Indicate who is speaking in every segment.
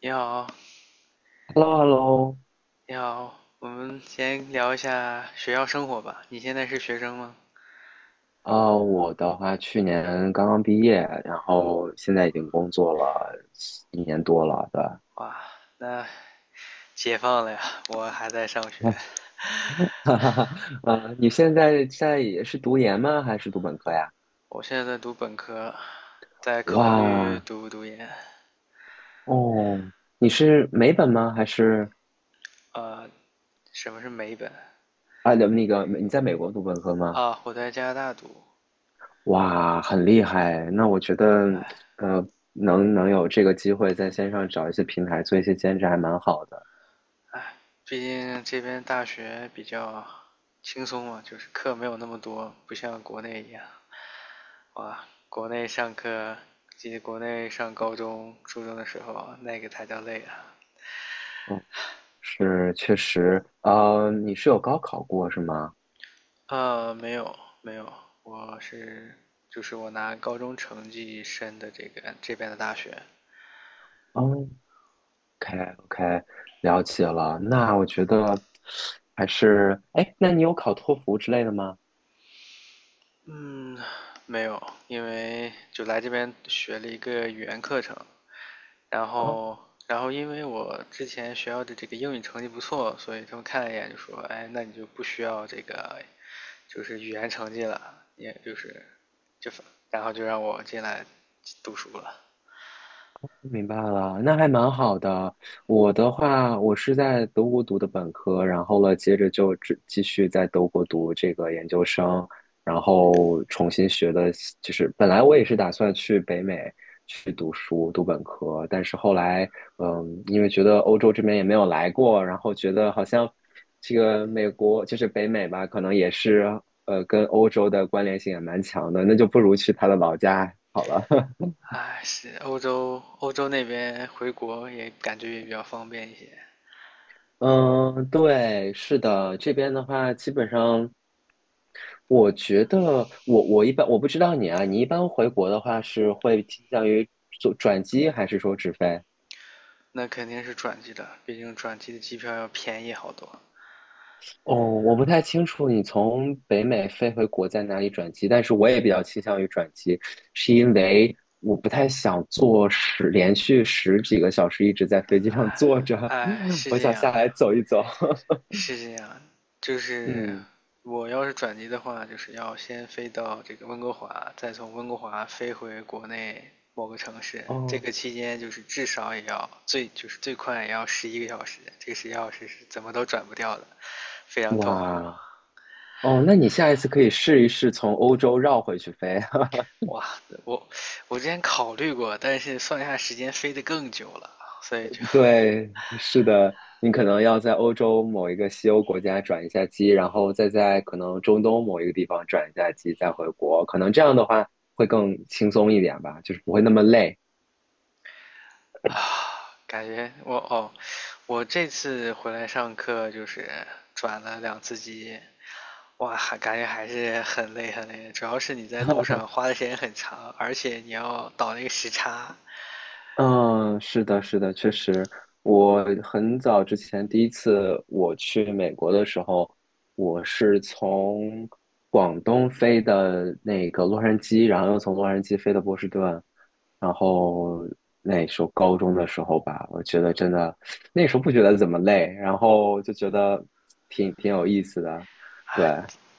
Speaker 1: 你好，
Speaker 2: Hello,Hello,
Speaker 1: 你好，我们先聊一下学校生活吧。你现在是学生吗？
Speaker 2: 我的话去年刚刚毕业，然后现在已经工作了一年多了，对吧？
Speaker 1: 哇，那解放了呀！我还在上学，
Speaker 2: 哈哈哈。你现在也是读研吗？还是读本科呀？
Speaker 1: 我现在在读本科，在考虑
Speaker 2: 哇，
Speaker 1: 读不读研。
Speaker 2: 哦，你是美本吗？还是
Speaker 1: 呃，什么是美本？
Speaker 2: 那个你在美国读本科吗？
Speaker 1: 啊，我在加拿大读，
Speaker 2: 哇，很厉害。那我觉得，呃，能有这个机会在线上找一些平台做一些兼职，还蛮好的。
Speaker 1: 毕竟这边大学比较轻松嘛，就是课没有那么多，不像国内一样。哇，国内上课，记得国内上高中、初中的时候，那个才叫累啊。
Speaker 2: 嗯。是，确实，你是有高考过是吗？
Speaker 1: 没有没有，我是就是我拿高中成绩申的这个这边的大学。
Speaker 2: 哦OK，OK，了解了。那我觉得还是，哎，那你有考托福之类的吗？
Speaker 1: 嗯，没有，因为就来这边学了一个语言课程，然
Speaker 2: 哦，
Speaker 1: 后然后因为我之前学校的这个英语成绩不错，所以他们看了一眼就说，哎，那你就不需要这个就是语言成绩了，也就是就然后就让我进来读书了。
Speaker 2: 明白了，那还蛮好的。我的话，我是在德国读的本科，然后了，接着就继续在德国读这个研究生，然后重新学的，就是本来我也是打算去北美去读书读本科，但是后来，嗯，因为觉得欧洲这边也没有来过，然后觉得好像这个美国就是北美吧，可能也是跟欧洲的关联性也蛮强的，那就不如去他的老家好了。
Speaker 1: 哎，是欧洲，欧洲那边回国也感觉也比较方便一些。
Speaker 2: 嗯，对，是的，这边的话，基本上，我觉得我一般，我不知道你啊，你一般回国的话是会倾向于做转机还是说直飞？
Speaker 1: 那肯定是转机的，毕竟转机的机票要便宜好多。
Speaker 2: 哦，我不太清楚你从北美飞回国在哪里转机，但是我也比较倾向于转机，是因为我不太想坐连续十几个小时一直在飞机上坐着。
Speaker 1: 哎，是
Speaker 2: 我
Speaker 1: 这
Speaker 2: 想
Speaker 1: 样，
Speaker 2: 下来走一走。
Speaker 1: 是这样，就是
Speaker 2: 嗯，
Speaker 1: 我要是转机的话，就是要先飞到这个温哥华，再从温哥华飞回国内某个城市。这
Speaker 2: 哦，
Speaker 1: 个期间就是至少也要最就是最快也要十一个小时，这个十一个小时是怎么都转不掉的，非常痛苦。
Speaker 2: 哇。哦，那你下一次可以试一试从欧洲绕回去飞。
Speaker 1: 哇，我我之前考虑过，但是算一下时间飞得更久了，所以就
Speaker 2: 对，是的，你可能要在欧洲某一个西欧国家转一下机，然后再在可能中东某一个地方转一下机，再回国。可能这样的话会更轻松一点吧，就是不会那么累。
Speaker 1: 啊，感觉我哦，我这次回来上课就是转了两次机，哇，还感觉还是很累很累，主要是你在路上花的时间很长，而且你要倒那个时差，
Speaker 2: 嗯，是的，是的，确实，我很早之前第一次我去美国的时候，我是从广东飞的那个洛杉矶，然后又从洛杉矶飞的波士顿，然后那时候高中的时候吧，我觉得真的那时候不觉得怎么累，然后就觉得挺有意思的。对，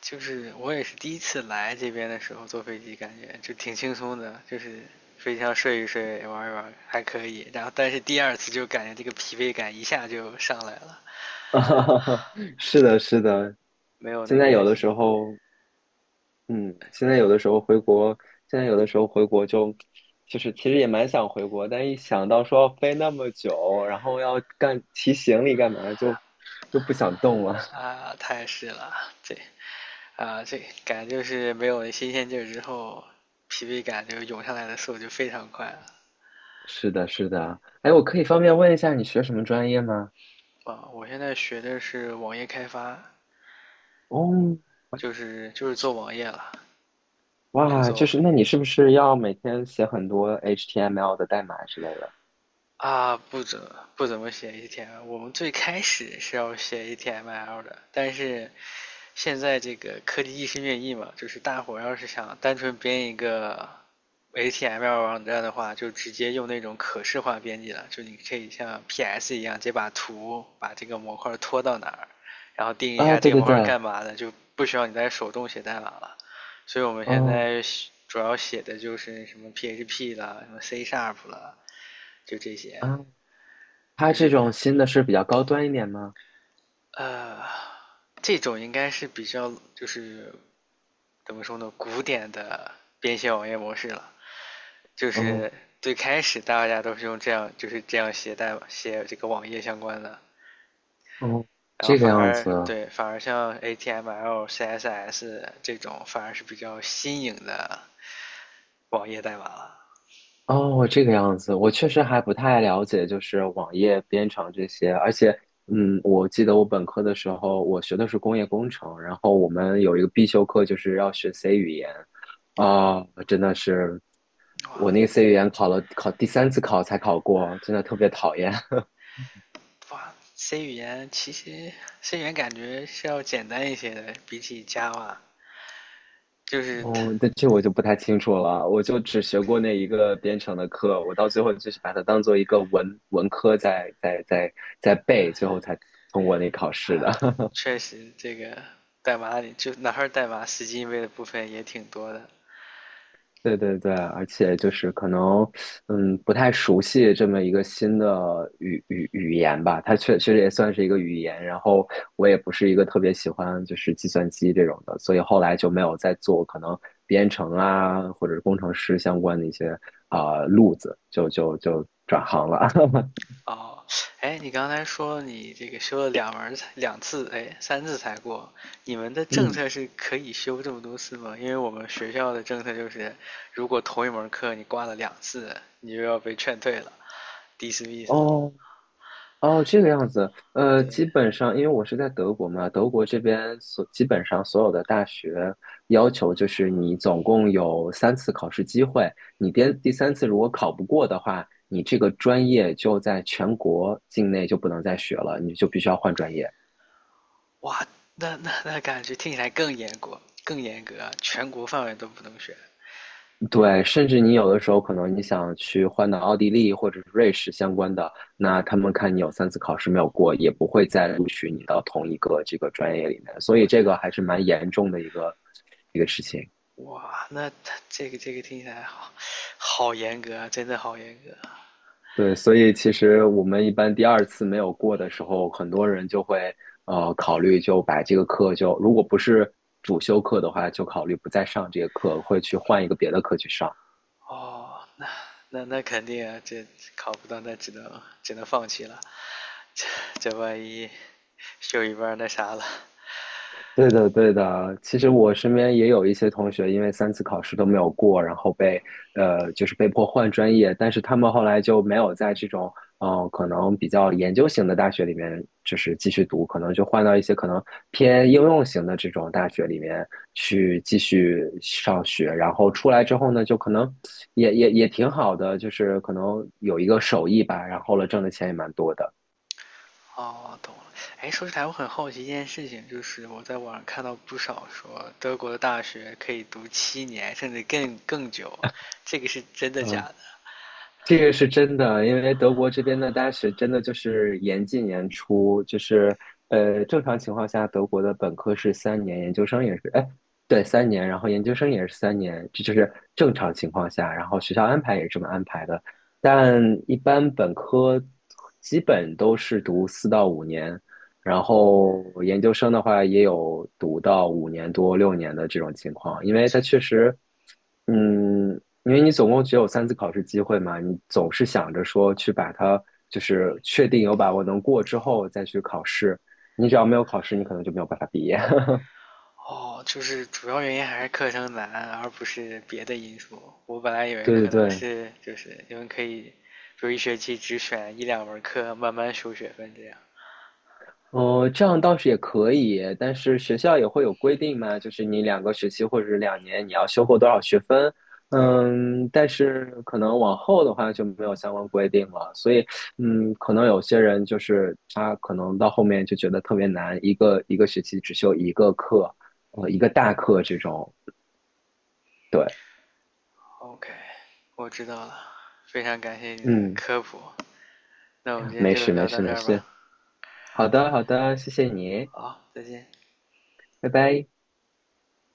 Speaker 1: 就是我也是第一次来这边的时候坐飞机，感觉就挺轻松的，就是飞机上睡一睡、玩一玩还可以。然后但是第二次就感觉这个疲惫感一下就上来了。
Speaker 2: 是的，是的，
Speaker 1: 没有
Speaker 2: 现
Speaker 1: 那
Speaker 2: 在
Speaker 1: 个
Speaker 2: 有的时候。嗯，现
Speaker 1: 你
Speaker 2: 在有
Speaker 1: 说。
Speaker 2: 的时候回国，现在有的时候回国就，就是其实也蛮想回国，但一想到说要飞那么久，然后要干提行李干嘛，就又不想动了。
Speaker 1: 啊，太是了。这啊这感觉就是没有新鲜劲儿之后，疲惫感就涌上来的速度就非常快了。
Speaker 2: 是的，是的。哎，我可以方便问一下你学什么专业吗？
Speaker 1: 啊，我现在学的是网页开发，
Speaker 2: 哦，
Speaker 1: 就是做网页了，只
Speaker 2: 哇，
Speaker 1: 做
Speaker 2: 就
Speaker 1: 网
Speaker 2: 是那
Speaker 1: 页。
Speaker 2: 你是不是要每天写很多 HTML 的代码之类的？
Speaker 1: 啊，不怎么写 HTML。我们最开始是要写 HTML 的，但是现在这个科技日新月异嘛，就是大伙要是想单纯编一个 HTML 网站的话，就直接用那种可视化编辑了，就你可以像 PS 一样，直接把这个模块拖到哪儿，然后定义一
Speaker 2: 啊，
Speaker 1: 下这
Speaker 2: 对
Speaker 1: 个
Speaker 2: 对
Speaker 1: 模块
Speaker 2: 对。
Speaker 1: 干嘛的，就不需要你再手动写代码了。所以我们现
Speaker 2: 哦
Speaker 1: 在主要写的就是什么 PHP 啦，什么 C# 啦，就这些。
Speaker 2: 啊，它
Speaker 1: 就
Speaker 2: 这
Speaker 1: 是
Speaker 2: 种新的是比较高端一点吗？
Speaker 1: 呃，这种应该是比较就是怎么说呢，古典的编写网页模式了。就
Speaker 2: 哦，
Speaker 1: 是最开始大家都是用这样，就是这样写代码写这个网页相关的，
Speaker 2: 哦，
Speaker 1: 然后
Speaker 2: 这个样子。
Speaker 1: 对，反而像 A t m l CSS 这种反而是比较新颖的网页代码了。
Speaker 2: 哦，这个样子，我确实还不太了解，就是网页编程这些。而且，嗯，我记得我本科的时候，我学的是工业工程，然后我们有一个必修课就是要学 C 语言。啊、真的是，
Speaker 1: 哇
Speaker 2: 我那个 C 语言考了第三次考才考过，真的特别讨厌。
Speaker 1: 哇，C 语言感觉是要简单一些的，比起 Java，就是它
Speaker 2: 哦，那这我就不太清楚了，我就只学过那一个编程的课，我到最后就是把它当做一个文科在背，最后才通过那考试的。
Speaker 1: 确实，这个代码里就哪块代码死记硬背的部分也挺多的。
Speaker 2: 对对对，而且就是可能，嗯，不太熟悉这么一个新的语言吧，它确实也算是一个语言。然后我也不是一个特别喜欢就是计算机这种的，所以后来就没有再做可能编程啊或者是工程师相关的一些啊、路子，就转行了。
Speaker 1: 哦，哎，你刚才说你这个修了两次，哎，3次才过。你们的政
Speaker 2: 嗯，
Speaker 1: 策是可以修这么多次吗？因为我们学校的政策就是，如果同一门课你挂了两次，你就要被劝退了，dismiss 了。
Speaker 2: 哦。哦，这个样子，基
Speaker 1: 对，
Speaker 2: 本上因为我是在德国嘛，德国这边基本上所有的大学要求就是你总共有三次考试机会，你第三次如果考不过的话，你这个专业就在全国境内就不能再学了，你就必须要换专业。
Speaker 1: 哇，那感觉听起来更严格，更严格啊全国范围都不能选。
Speaker 2: 对，甚至你有的时候可能你想去换到奥地利或者是瑞士相关的，那他们看你有三次考试没有过，也不会再录取你到同一个这个专业里面，所以
Speaker 1: 我
Speaker 2: 这
Speaker 1: 的
Speaker 2: 个还是蛮严重的一个事情。
Speaker 1: 哇，那他这个听起来好，好严格啊，真的好严格
Speaker 2: 对，所以其实我们一般第二次没有过的时候，很多人就会考虑就把这个课，就如果不是主修课的话，就考虑不再上这个课，会去换一个别的课去上。
Speaker 1: 哦。那肯定啊，这考不到，那只能放弃了。这这万一修一半那啥了。
Speaker 2: 对的，对的。其实我身边也有一些同学，因为三次考试都没有过，然后被就是被迫换专业，但是他们后来就没有在这种可能比较研究型的大学里面就是继续读，可能就换到一些可能偏应用型的这种大学里面去继续上学，然后出来之后呢，就可能也挺好的，就是可能有一个手艺吧，然后了挣的钱也蛮多的。
Speaker 1: 哦，懂了。哎，说起来，我很好奇一件事情，就是我在网上看到不少说德国的大学可以读7年，甚至更久，这个是真的假
Speaker 2: 嗯。
Speaker 1: 的？
Speaker 2: 这个是真的，因为德国这边的大学真的就是严进严出，就是正常情况下，德国的本科是三年，研究生也是，哎，对，三年，然后研究生也是三年，这就是正常情况下，然后学校安排也是这么安排的，但一般本科基本都是读四到五年，然后研究生的话也有读到五年多六年的这种情况，因为
Speaker 1: 这
Speaker 2: 它确实，嗯，因为你总共只有三次考试机会嘛，你总是想着说去把它就是确定有把握能过之后再去考试，你只要没有考试，你可能就没有办法毕业。
Speaker 1: 哦，就是主要原因还是课程难，而不是别的因素。我本来以为
Speaker 2: 对对
Speaker 1: 可能
Speaker 2: 对，
Speaker 1: 是就是你们可以，就一学期只选一两门课，慢慢修学分这样。
Speaker 2: 哦，这样倒是也可以，但是学校也会有规定嘛，就是你两个学期或者是两年你要修够多少学分，嗯，但是可能往后的话就没有相关规定了，所以嗯，可能有些人就是他可能到后面就觉得特别难，一个一个学期只修一个课，一个大课这种，对，
Speaker 1: OK，我知道了，非常感谢你的
Speaker 2: 嗯，
Speaker 1: 科普。那我们今天
Speaker 2: 没
Speaker 1: 就
Speaker 2: 事没
Speaker 1: 聊到
Speaker 2: 事
Speaker 1: 这
Speaker 2: 没
Speaker 1: 儿吧。
Speaker 2: 事，好的好的，谢谢你，
Speaker 1: 好，再见。
Speaker 2: 拜拜。